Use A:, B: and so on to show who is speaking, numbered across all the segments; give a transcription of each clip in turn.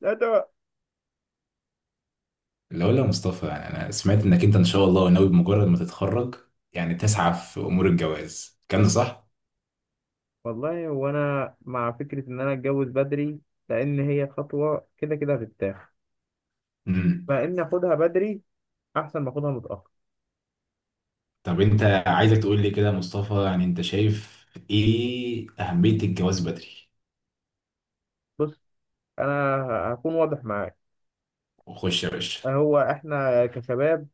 A: لا، ده.
B: لا، ولا مصطفى، يعني انا سمعت انك انت ان شاء الله ناوي بمجرد ما تتخرج يعني تسعى في امور الجواز، كان ده صح؟
A: والله وانا مع فكرة ان انا اتجوز بدري لان هي خطوة كده كده هتتاخد.
B: امم.
A: فان اخدها بدري احسن ما اخدها متأخر.
B: طب انت عايزك تقول لي كده يا مصطفى، يعني انت شايف ايه اهمية الجواز بدري؟
A: بص، انا هكون واضح معاك.
B: وخش يا باشا.
A: هو احنا كشباب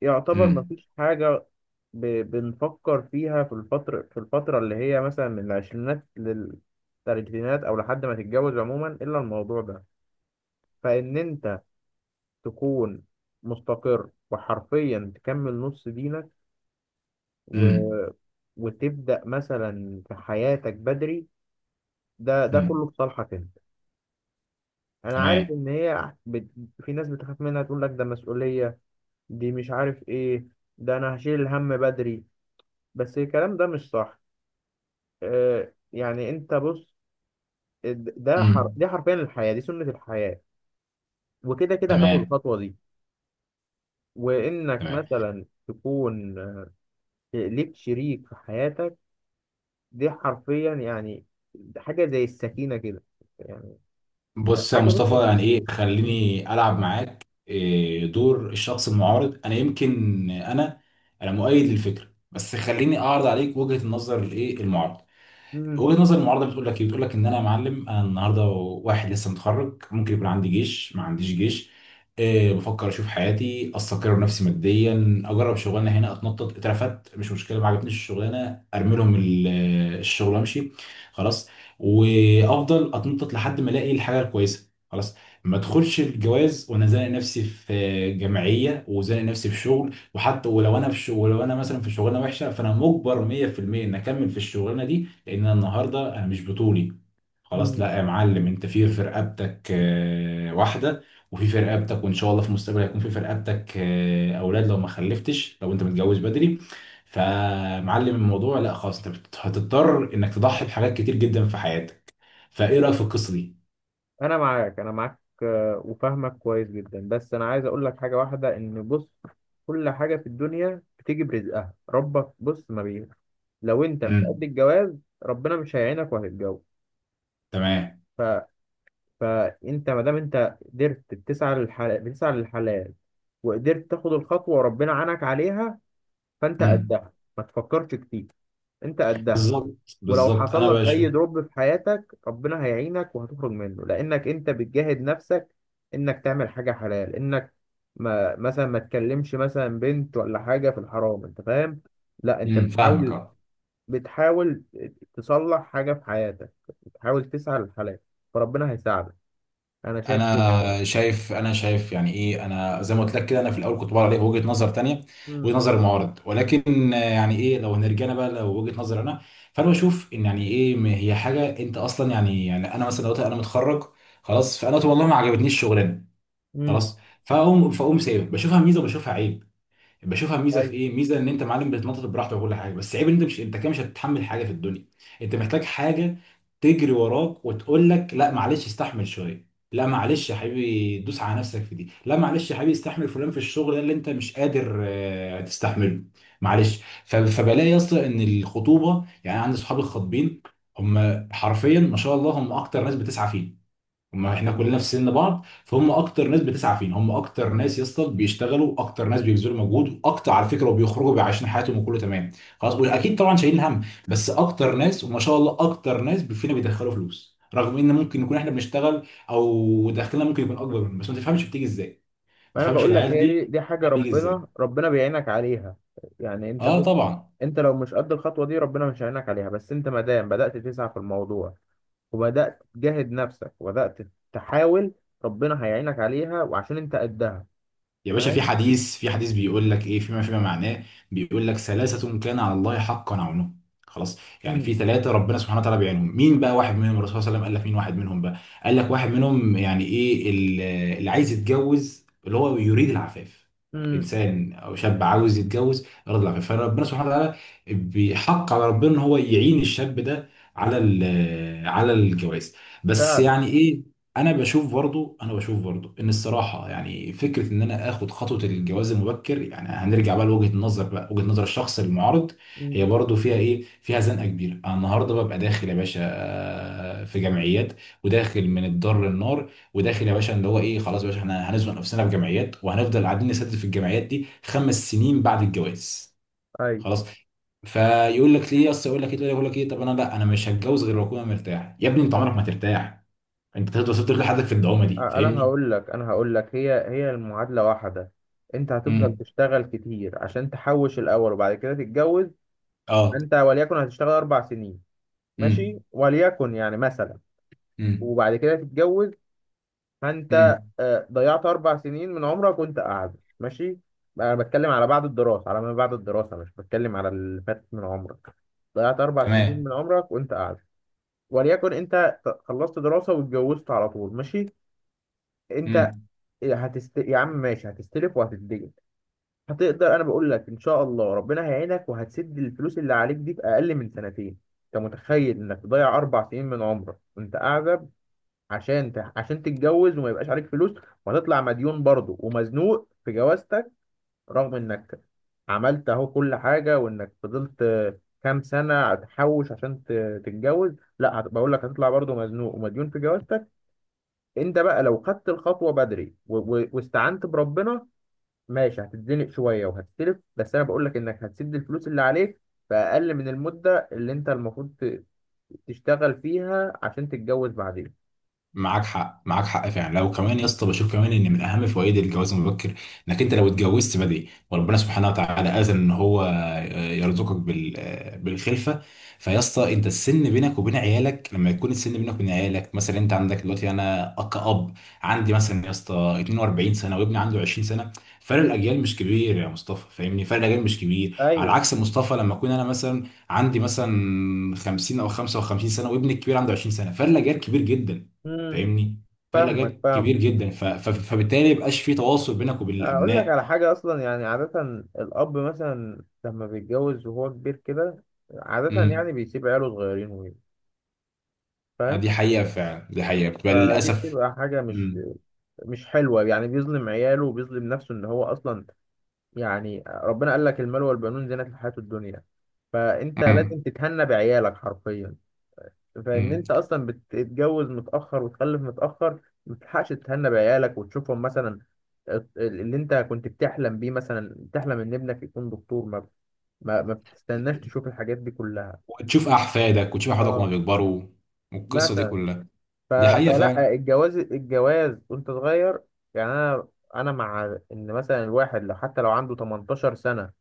A: يعتبر
B: امم.
A: مفيش حاجة. بنفكر فيها في الفترة اللي هي مثلا من العشرينات للثلاثينات او لحد ما تتجوز عموما الا الموضوع ده. فان انت تكون مستقر وحرفيا تكمل نص دينك و...
B: امم.
A: وتبدأ مثلا في حياتك بدري. ده كله
B: امم.
A: في صالحك انت. انا عارف
B: تمام.
A: ان هي. في ناس بتخاف منها تقول لك ده مسؤولية، دي مش عارف ايه، ده انا هشيل الهم بدري. بس الكلام ده مش صح. يعني انت بص.
B: امم.
A: دي حرفيا الحياة، دي سنة الحياة. وكده كده هتاخد
B: تمام.
A: الخطوة دي وانك
B: تمام.
A: مثلا تكون ليك شريك في حياتك. دي حرفيا يعني حاجة زي السكينة كده، يعني
B: بص يا
A: حاجة، بص.
B: مصطفى، يعني ايه، خليني العب معاك إيه دور الشخص المعارض. انا يمكن انا انا مؤيد للفكرة بس خليني اعرض عليك وجهة النظر الايه المعارض.
A: مم.
B: وجهة نظر المعارضة بتقول لك ايه؟ بتقول لك ان انا يا معلم، انا النهارده واحد لسه متخرج، ممكن يكون عندي جيش ما عنديش جيش، أه، بفكر اشوف حياتي، استقر نفسي ماديا، اجرب شغلانه هنا، اتنطط، اترفدت مش مشكله، ما عجبتنيش الشغلانه ارمي لهم الشغل وامشي. خلاص. وافضل اتنطط لحد ما الاقي الحاجه الكويسه، خلاص. ما ادخلش الجواز وانا زانق نفسي في جمعيه، وزانق نفسي في شغل، وحتى ولو انا في شغل، ولو انا مثلا في شغلانه وحشه فانا مجبر 100% ان اكمل في الشغلانه دي لان انا النهارده انا مش بطولي. خلاص.
A: مم.
B: لا يا معلم، انت في رقبتك واحده، وفي رقبتك، وان شاء الله في المستقبل هيكون في رقبتك اولاد لو ما خلفتش، لو انت متجوز بدري. فمعلم الموضوع، لا خلاص انت هتضطر انك تضحي بحاجات كتير جدا في حياتك. فايه رايك في القصه دي؟
A: انا معاك، وفاهمك كويس جدا. بس انا عايز اقول لك حاجه واحده، ان بص، كل حاجه في الدنيا بتيجي برزقها، ربك بص ما بيه. لو انت مش قد
B: امم.
A: الجواز ربنا مش هيعينك وهتتجوز.
B: تمام.
A: ف... فانت ما دام انت قدرت بتسعى للحلال بتسعى للحلال وقدرت تاخد الخطوه وربنا عانك عليها، فانت
B: امم.
A: قدها، ما تفكرش كتير. انت قدها.
B: بالظبط،
A: ولو
B: بالظبط
A: حصل
B: انا
A: لك
B: بشوف.
A: اي دروب في حياتك ربنا هيعينك وهتخرج منه، لانك انت بتجاهد نفسك انك تعمل حاجه حلال، انك ما مثلا ما تكلمش مثلا بنت ولا حاجه في الحرام. انت فاهم؟ لا، انت
B: امم، فاهمك،
A: بتحاول،
B: اه.
A: بتحاول تصلح حاجه في حياتك، بتحاول تسعى للحلال فربنا هيساعدك. انا شايف كده
B: انا
A: بصراحه.
B: شايف انا شايف يعني ايه، انا زي ما قلت لك كده انا في الاول كنت بقول عليه وجهه نظر تانية،
A: امم.
B: وجهه نظر المعارض، ولكن يعني ايه، لو هنرجعنا بقى لو وجهه نظر انا. فانا بشوف ان، يعني ايه، هي حاجه انت اصلا، يعني انا مثلا دلوقتي انا متخرج خلاص، فانا قلت والله ما عجبتنيش الشغلانه،
A: امم.
B: خلاص. فاقوم سايب، بشوفها ميزه وبشوفها عيب. بشوفها ميزه في
A: ايوه.
B: ايه؟ ميزه ان انت معلم بتتنطط براحتك وكل حاجه، بس عيب ان انت مش، انت كده مش هتتحمل حاجه في الدنيا. انت محتاج حاجه تجري وراك وتقول لك، لا معلش استحمل شويه، لا معلش يا حبيبي دوس على نفسك في دي، لا معلش يا حبيبي استحمل فلان في الشغل ده اللي انت مش قادر تستحمله. معلش، فبلاقي يا اسطى ان الخطوبه، يعني عندي صحابي الخطبين هم حرفيا ما شاء الله هم اكتر ناس بتسعى فيه. ما احنا كلنا في سن بعض، فهم اكتر ناس بتسعى فينا، هم اكتر ناس يا اسطى بيشتغلوا، اكتر ناس بيبذلوا مجهود، واكتر على فكره، وبيخرجوا بيعيشوا حياتهم وكله تمام. خلاص. واكيد طبعا شايلين هم، بس اكتر ناس وما شاء الله اكتر ناس فينا بيدخلوا فلوس، رغم ان ممكن نكون احنا بنشتغل او دخلنا ممكن يكون اكبر منه، بس ما تفهمش بتيجي ازاي.
A: ما
B: ما
A: انا
B: تفهمش
A: بقول لك
B: العيال
A: هي
B: دي
A: دي حاجه
B: بتيجي ازاي.
A: ربنا بيعينك عليها. يعني انت
B: اه
A: بص،
B: طبعا.
A: انت لو مش قد الخطوه دي ربنا مش هيعينك عليها. بس انت ما دام بدات تسعى في الموضوع وبدات تجاهد نفسك وبدات تحاول، ربنا هيعينك عليها وعشان انت قدها.
B: يا باشا، في
A: فاهم.
B: حديث في حديث بيقول لك ايه، فيما معناه، بيقول لك ثلاثة كان على الله حقا عونه. خلاص. يعني
A: امم.
B: في ثلاثة ربنا سبحانه وتعالى بيعينهم، مين بقى واحد منهم؟ الرسول صلى الله عليه وسلم قال لك مين واحد منهم بقى؟ قال لك واحد منهم، يعني ايه، اللي عايز يتجوز، اللي هو يريد العفاف.
A: امم.
B: انسان او شاب عاوز يتجوز يريد العفاف، فربنا سبحانه وتعالى بيحق على ربنا ان هو يعين الشاب ده على على الجواز. بس
A: فعلا.
B: يعني إيه، انا بشوف برضو ان الصراحه يعني فكره ان انا اخد خطوه الجواز المبكر، يعني هنرجع بقى لوجهه النظر بقى، وجهه نظر الشخص المعارض، هي
A: امم.
B: برضو فيها ايه، فيها زنقه كبيره. انا النهارده ببقى داخل يا باشا في جمعيات، وداخل من الدار للنار، وداخل يا باشا اللي هو ايه، خلاص يا باشا احنا هنزنق نفسنا في جمعيات، وهنفضل قاعدين نسدد في الجمعيات دي خمس سنين بعد الجواز،
A: اي.
B: خلاص. فيقول لك ليه اصل، يقول لك ايه، طب انا لا، انا مش هتجوز غير لما اكون مرتاح. يا ابني انت عمرك ما ترتاح، انت تقدر وصلت لحدك في الدعومه دي،
A: انا
B: فاهمني؟
A: هقول لك انا هقول لك هي المعادله واحده. انت هتفضل
B: امم.
A: تشتغل كتير عشان تحوش الاول وبعد كده تتجوز.
B: اه.
A: انت وليكن هتشتغل اربع سنين، ماشي،
B: امم.
A: وليكن يعني مثلا،
B: امم.
A: وبعد كده تتجوز. فانت
B: امم.
A: ضيعت اربع سنين من عمرك وانت قاعد ماشي. انا بتكلم على بعد الدراسه، على ما بعد الدراسه، مش بتكلم على اللي فات من عمرك. ضيعت اربع سنين
B: تمام.
A: من عمرك وانت قاعد. وليكن انت خلصت دراسه واتجوزت على طول، ماشي. انت
B: امم.
A: يا عم، ماشي، هتستلف وهتتدين. هتقدر، انا بقول لك ان شاء الله ربنا هيعينك وهتسد الفلوس اللي عليك دي في اقل من سنتين. انت متخيل انك تضيع اربع سنين من عمرك وانت قاعد عشان تتجوز وما يبقاش عليك فلوس. وهتطلع مديون برضه ومزنوق في جوازتك، رغم انك عملت اهو كل حاجة وانك فضلت كام سنة تحوش عشان تتجوز. لا، بقول لك هتطلع برضه مزنوق ومديون في جوازتك. انت بقى لو خدت الخطوة بدري و... و... واستعنت بربنا، ماشي، هتتزنق شوية وهتستلف، بس انا بقول لك انك هتسد الفلوس اللي عليك في اقل من المدة اللي انت المفروض تشتغل فيها عشان تتجوز بعدين.
B: معاك حق، معاك حق فعلا. لو كمان يا
A: مم.
B: اسطى بشوف كمان ان من اهم فوائد الجواز المبكر انك انت لو اتجوزت بدري وربنا سبحانه وتعالى اذن ان هو يرزقك بالخلفه، فيا اسطى انت السن بينك وبين عيالك، لما يكون السن بينك وبين عيالك مثلا، انت عندك دلوقتي انا كأب عندي مثلا يا اسطى 42 سنه وابني عنده 20 سنه، فرق الاجيال مش كبير يا مصطفى، فاهمني؟ فرق الاجيال مش كبير. على
A: ايوه.
B: عكس مصطفى لما اكون انا مثلا عندي مثلا 50 او 55 سنه وابني الكبير عنده 20 سنه، فرق الاجيال كبير جدا،
A: مم.
B: فاهمني؟ فرق
A: فاهمك.
B: الاجيال
A: فاهم.
B: كبير جدا، فبالتالي ما يبقاش في تواصل بينك وبين
A: اقول لك
B: الابناء.
A: على حاجه اصلا، يعني عاده الاب مثلا لما بيتجوز وهو كبير كده، عاده
B: امم.
A: يعني بيسيب عياله صغيرين. فاهم.
B: دي حقيقه فعلا، دي حقيقه بتبقى
A: فدي
B: للاسف.
A: بتبقى حاجه مش
B: امم.
A: مش حلوه، يعني بيظلم عياله وبيظلم نفسه، ان هو اصلا، يعني ربنا قال لك المال والبنون زينة الحياه الدنيا. فانت لازم
B: امم.
A: تتهنى بعيالك حرفيا. فان
B: أمم.
A: انت اصلا بتتجوز متاخر وتخلف متاخر ما بتلحقش تتهنى بعيالك وتشوفهم، مثلا اللي انت كنت بتحلم بيه، مثلا بتحلم ان ابنك يكون دكتور، ما ما بتستناش تشوف الحاجات دي كلها.
B: وتشوف احفادك،
A: اه
B: وهما بيكبروا والقصه دي
A: مثلا.
B: كلها.
A: ف...
B: دي حقيقه فعلا.
A: فلا، الجواز الجواز وانت صغير. يعني انا مع ان مثلا الواحد لو حتى لو عنده 18 سنة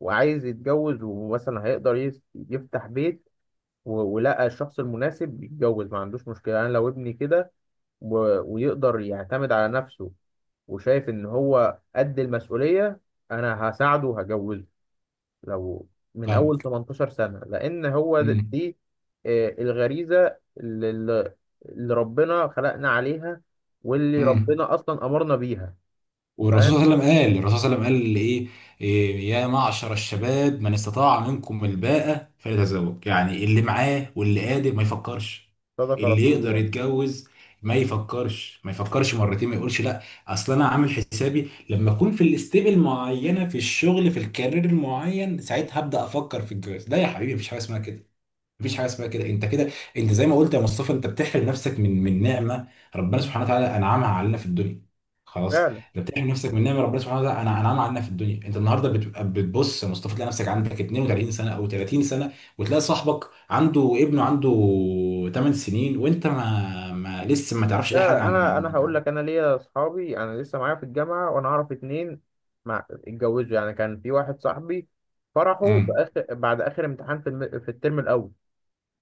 A: وعايز يتجوز، ومثلا هيقدر يفتح بيت و... ولقى الشخص المناسب يتجوز، ما عندوش مشكلة. انا لو ابني كده و- ويقدر يعتمد على نفسه وشايف ان هو قد المسؤولية، انا هساعده وهجوزه لو من اول
B: فاهمك.
A: 18 سنة، لان هو
B: امم.
A: دي الغريزة اللي ربنا خلقنا عليها واللي
B: امم.
A: ربنا اصلا امرنا بيها. فاهم.
B: والرسول صلى الله عليه وسلم قال، الرسول صلى الله عليه وسلم قال ايه، إيه، يا معشر الشباب من استطاع منكم الباءة فليتزوج. يعني اللي معاه واللي قادر ما يفكرش،
A: صدق
B: اللي
A: رسول
B: يقدر
A: الله.
B: يتجوز ما يفكرش مرتين ما يقولش لا. اصل انا عامل حسابي لما اكون في الاستيب المعينه في الشغل، في الكارير المعين، ساعتها هبدا افكر في الجواز. لا يا حبيبي مفيش حاجه اسمها كده، مفيش حاجه اسمها كده. انت كده انت زي ما قلت يا مصطفى، انت بتحرم نفسك من نعمه ربنا
A: مم.
B: سبحانه وتعالى انعمها علينا في الدنيا. خلاص.
A: فعلا.
B: انت بتحرم نفسك من نعمه ربنا سبحانه وتعالى انعمها علينا في الدنيا. انت النهارده بتبقى بتبص يا مصطفى تلاقي نفسك عندك 32 سنه او 30 سنه، وتلاقي صاحبك عنده ابنه عنده 8 سنين، وانت ما لسه ما تعرفش اي
A: لا،
B: حاجه
A: انا هقول لك، انا ليا اصحابي، انا لسه معايا في الجامعه وانا اعرف اتنين مع اتجوزوا، يعني كان في واحد صاحبي فرحه في
B: امم.
A: اخر، بعد اخر امتحان، في الترم الاول.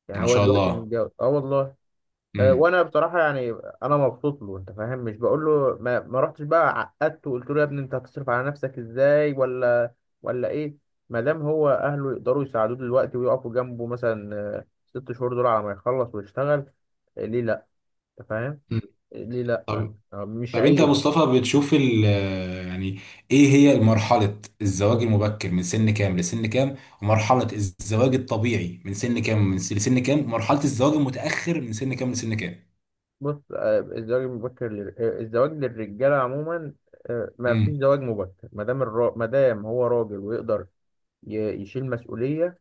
A: يعني
B: ما
A: هو
B: شاء
A: دلوقتي
B: الله.
A: متجوز، اه والله.
B: امم.
A: وانا بصراحه يعني انا مبسوط له، انت فاهم، مش بقول له ما رحتش بقى عقدته وقلت له يا ابني انت هتصرف على نفسك ازاي، ولا ايه. ما دام هو اهله يقدروا يساعدوه دلوقتي ويقفوا جنبه مثلا ست شهور دول على ما يخلص ويشتغل، ليه لا؟ انت فاهم.
B: أمم.
A: ليه لأ؟
B: طب
A: مش
B: طب انت يا
A: عيب.
B: مصطفى بتشوف يعني ايه هي مرحلة الزواج المبكر من سن كام لسن كام؟ ومرحلة الزواج الطبيعي من سن كام، لسن كام؟ ومرحلة الزواج المتأخر من سن كام لسن كام؟
A: بص، الزواج المبكر الزواج للرجالة عموما ما فيش
B: امم.
A: زواج مبكر، ما دام هو راجل ويقدر يشيل مسؤولية.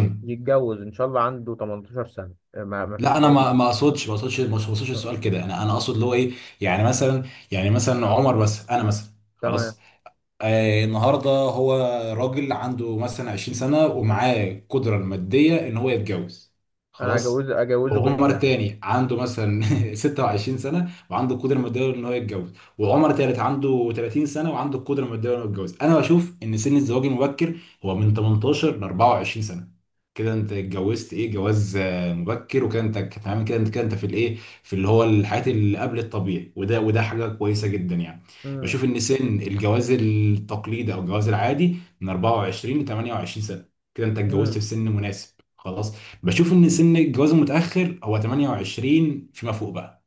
A: يتجوز إن شاء الله عنده 18 سنة. ما فيش
B: لا انا
A: زواج
B: ما
A: مبكر.
B: ما اقصدش، ما اقصدش ما اقصدش
A: آه،
B: السؤال كده. انا اقصد اللي هو ايه، يعني مثلا يعني مثلا عمر بس انا مثلا،
A: تمام.
B: خلاص النهارده هو راجل عنده مثلا 20 سنه ومعاه قدره الماديه ان هو يتجوز،
A: أنا
B: خلاص.
A: هجوز، أجوزه
B: وعمر
A: بنتي عادي.
B: تاني عنده مثلا 26 سنه وعنده القدره الماديه ان هو يتجوز. وعمر تالت عنده 30 سنه وعنده القدره الماديه ان هو يتجوز. انا بشوف ان سن الزواج المبكر هو من 18 ل 24 سنه، كده انت اتجوزت ايه، جواز مبكر، وكده انت تمام، كده انت كده انت في الايه، في اللي هو الحياه اللي قبل الطبيعي، وده حاجه كويسه جدا يعني.
A: مم،
B: بشوف ان سن الجواز التقليدي او الجواز العادي من 24 ل 28 سنه، كده انت اتجوزت
A: مم،
B: في سن مناسب، خلاص. بشوف ان سن الجواز المتاخر هو 28 فيما فوق بقى،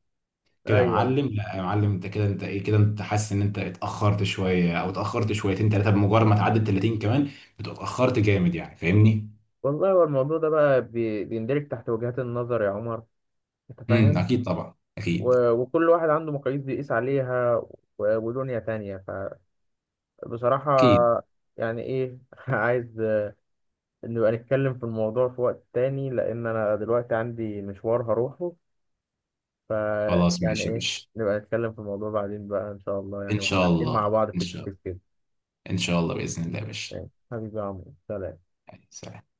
B: كده يا
A: أيوه.
B: معلم لا يا معلم انت كده انت ايه، كده انت حاسس ان انت اتاخرت شويه او اتاخرت شويتين ثلاثه، بمجرد ما تعدي ال 30 كمان بتبقى اتاخرت جامد، يعني فاهمني؟
A: والله هو الموضوع ده بقى بيندرج تحت وجهات النظر يا عمر. أنت
B: امم.
A: فاهم،
B: اكيد طبعا، اكيد،
A: و... وكل واحد عنده مقاييس بيقيس عليها، و... ودنيا تانية بصراحة.
B: اكيد.
A: يعني إيه، عايز نبقى نتكلم في الموضوع في وقت تاني، لأن أنا دلوقتي عندي مشوار هروحه.
B: خلاص
A: فيعني
B: ماشي يا
A: إيه،
B: باشا.
A: نبقى نتكلم في الموضوع بعدين بقى إن شاء الله، يعني
B: ان
A: وإحنا
B: شاء
A: قاعدين مع
B: الله،
A: بعض
B: ان
A: فيس تو
B: شاء
A: فيس
B: الله.
A: كده.
B: ان شاء الله باذن الله يا باشا.
A: ماشي. حبيبي يا عمرو، سلام.
B: يعني سلام.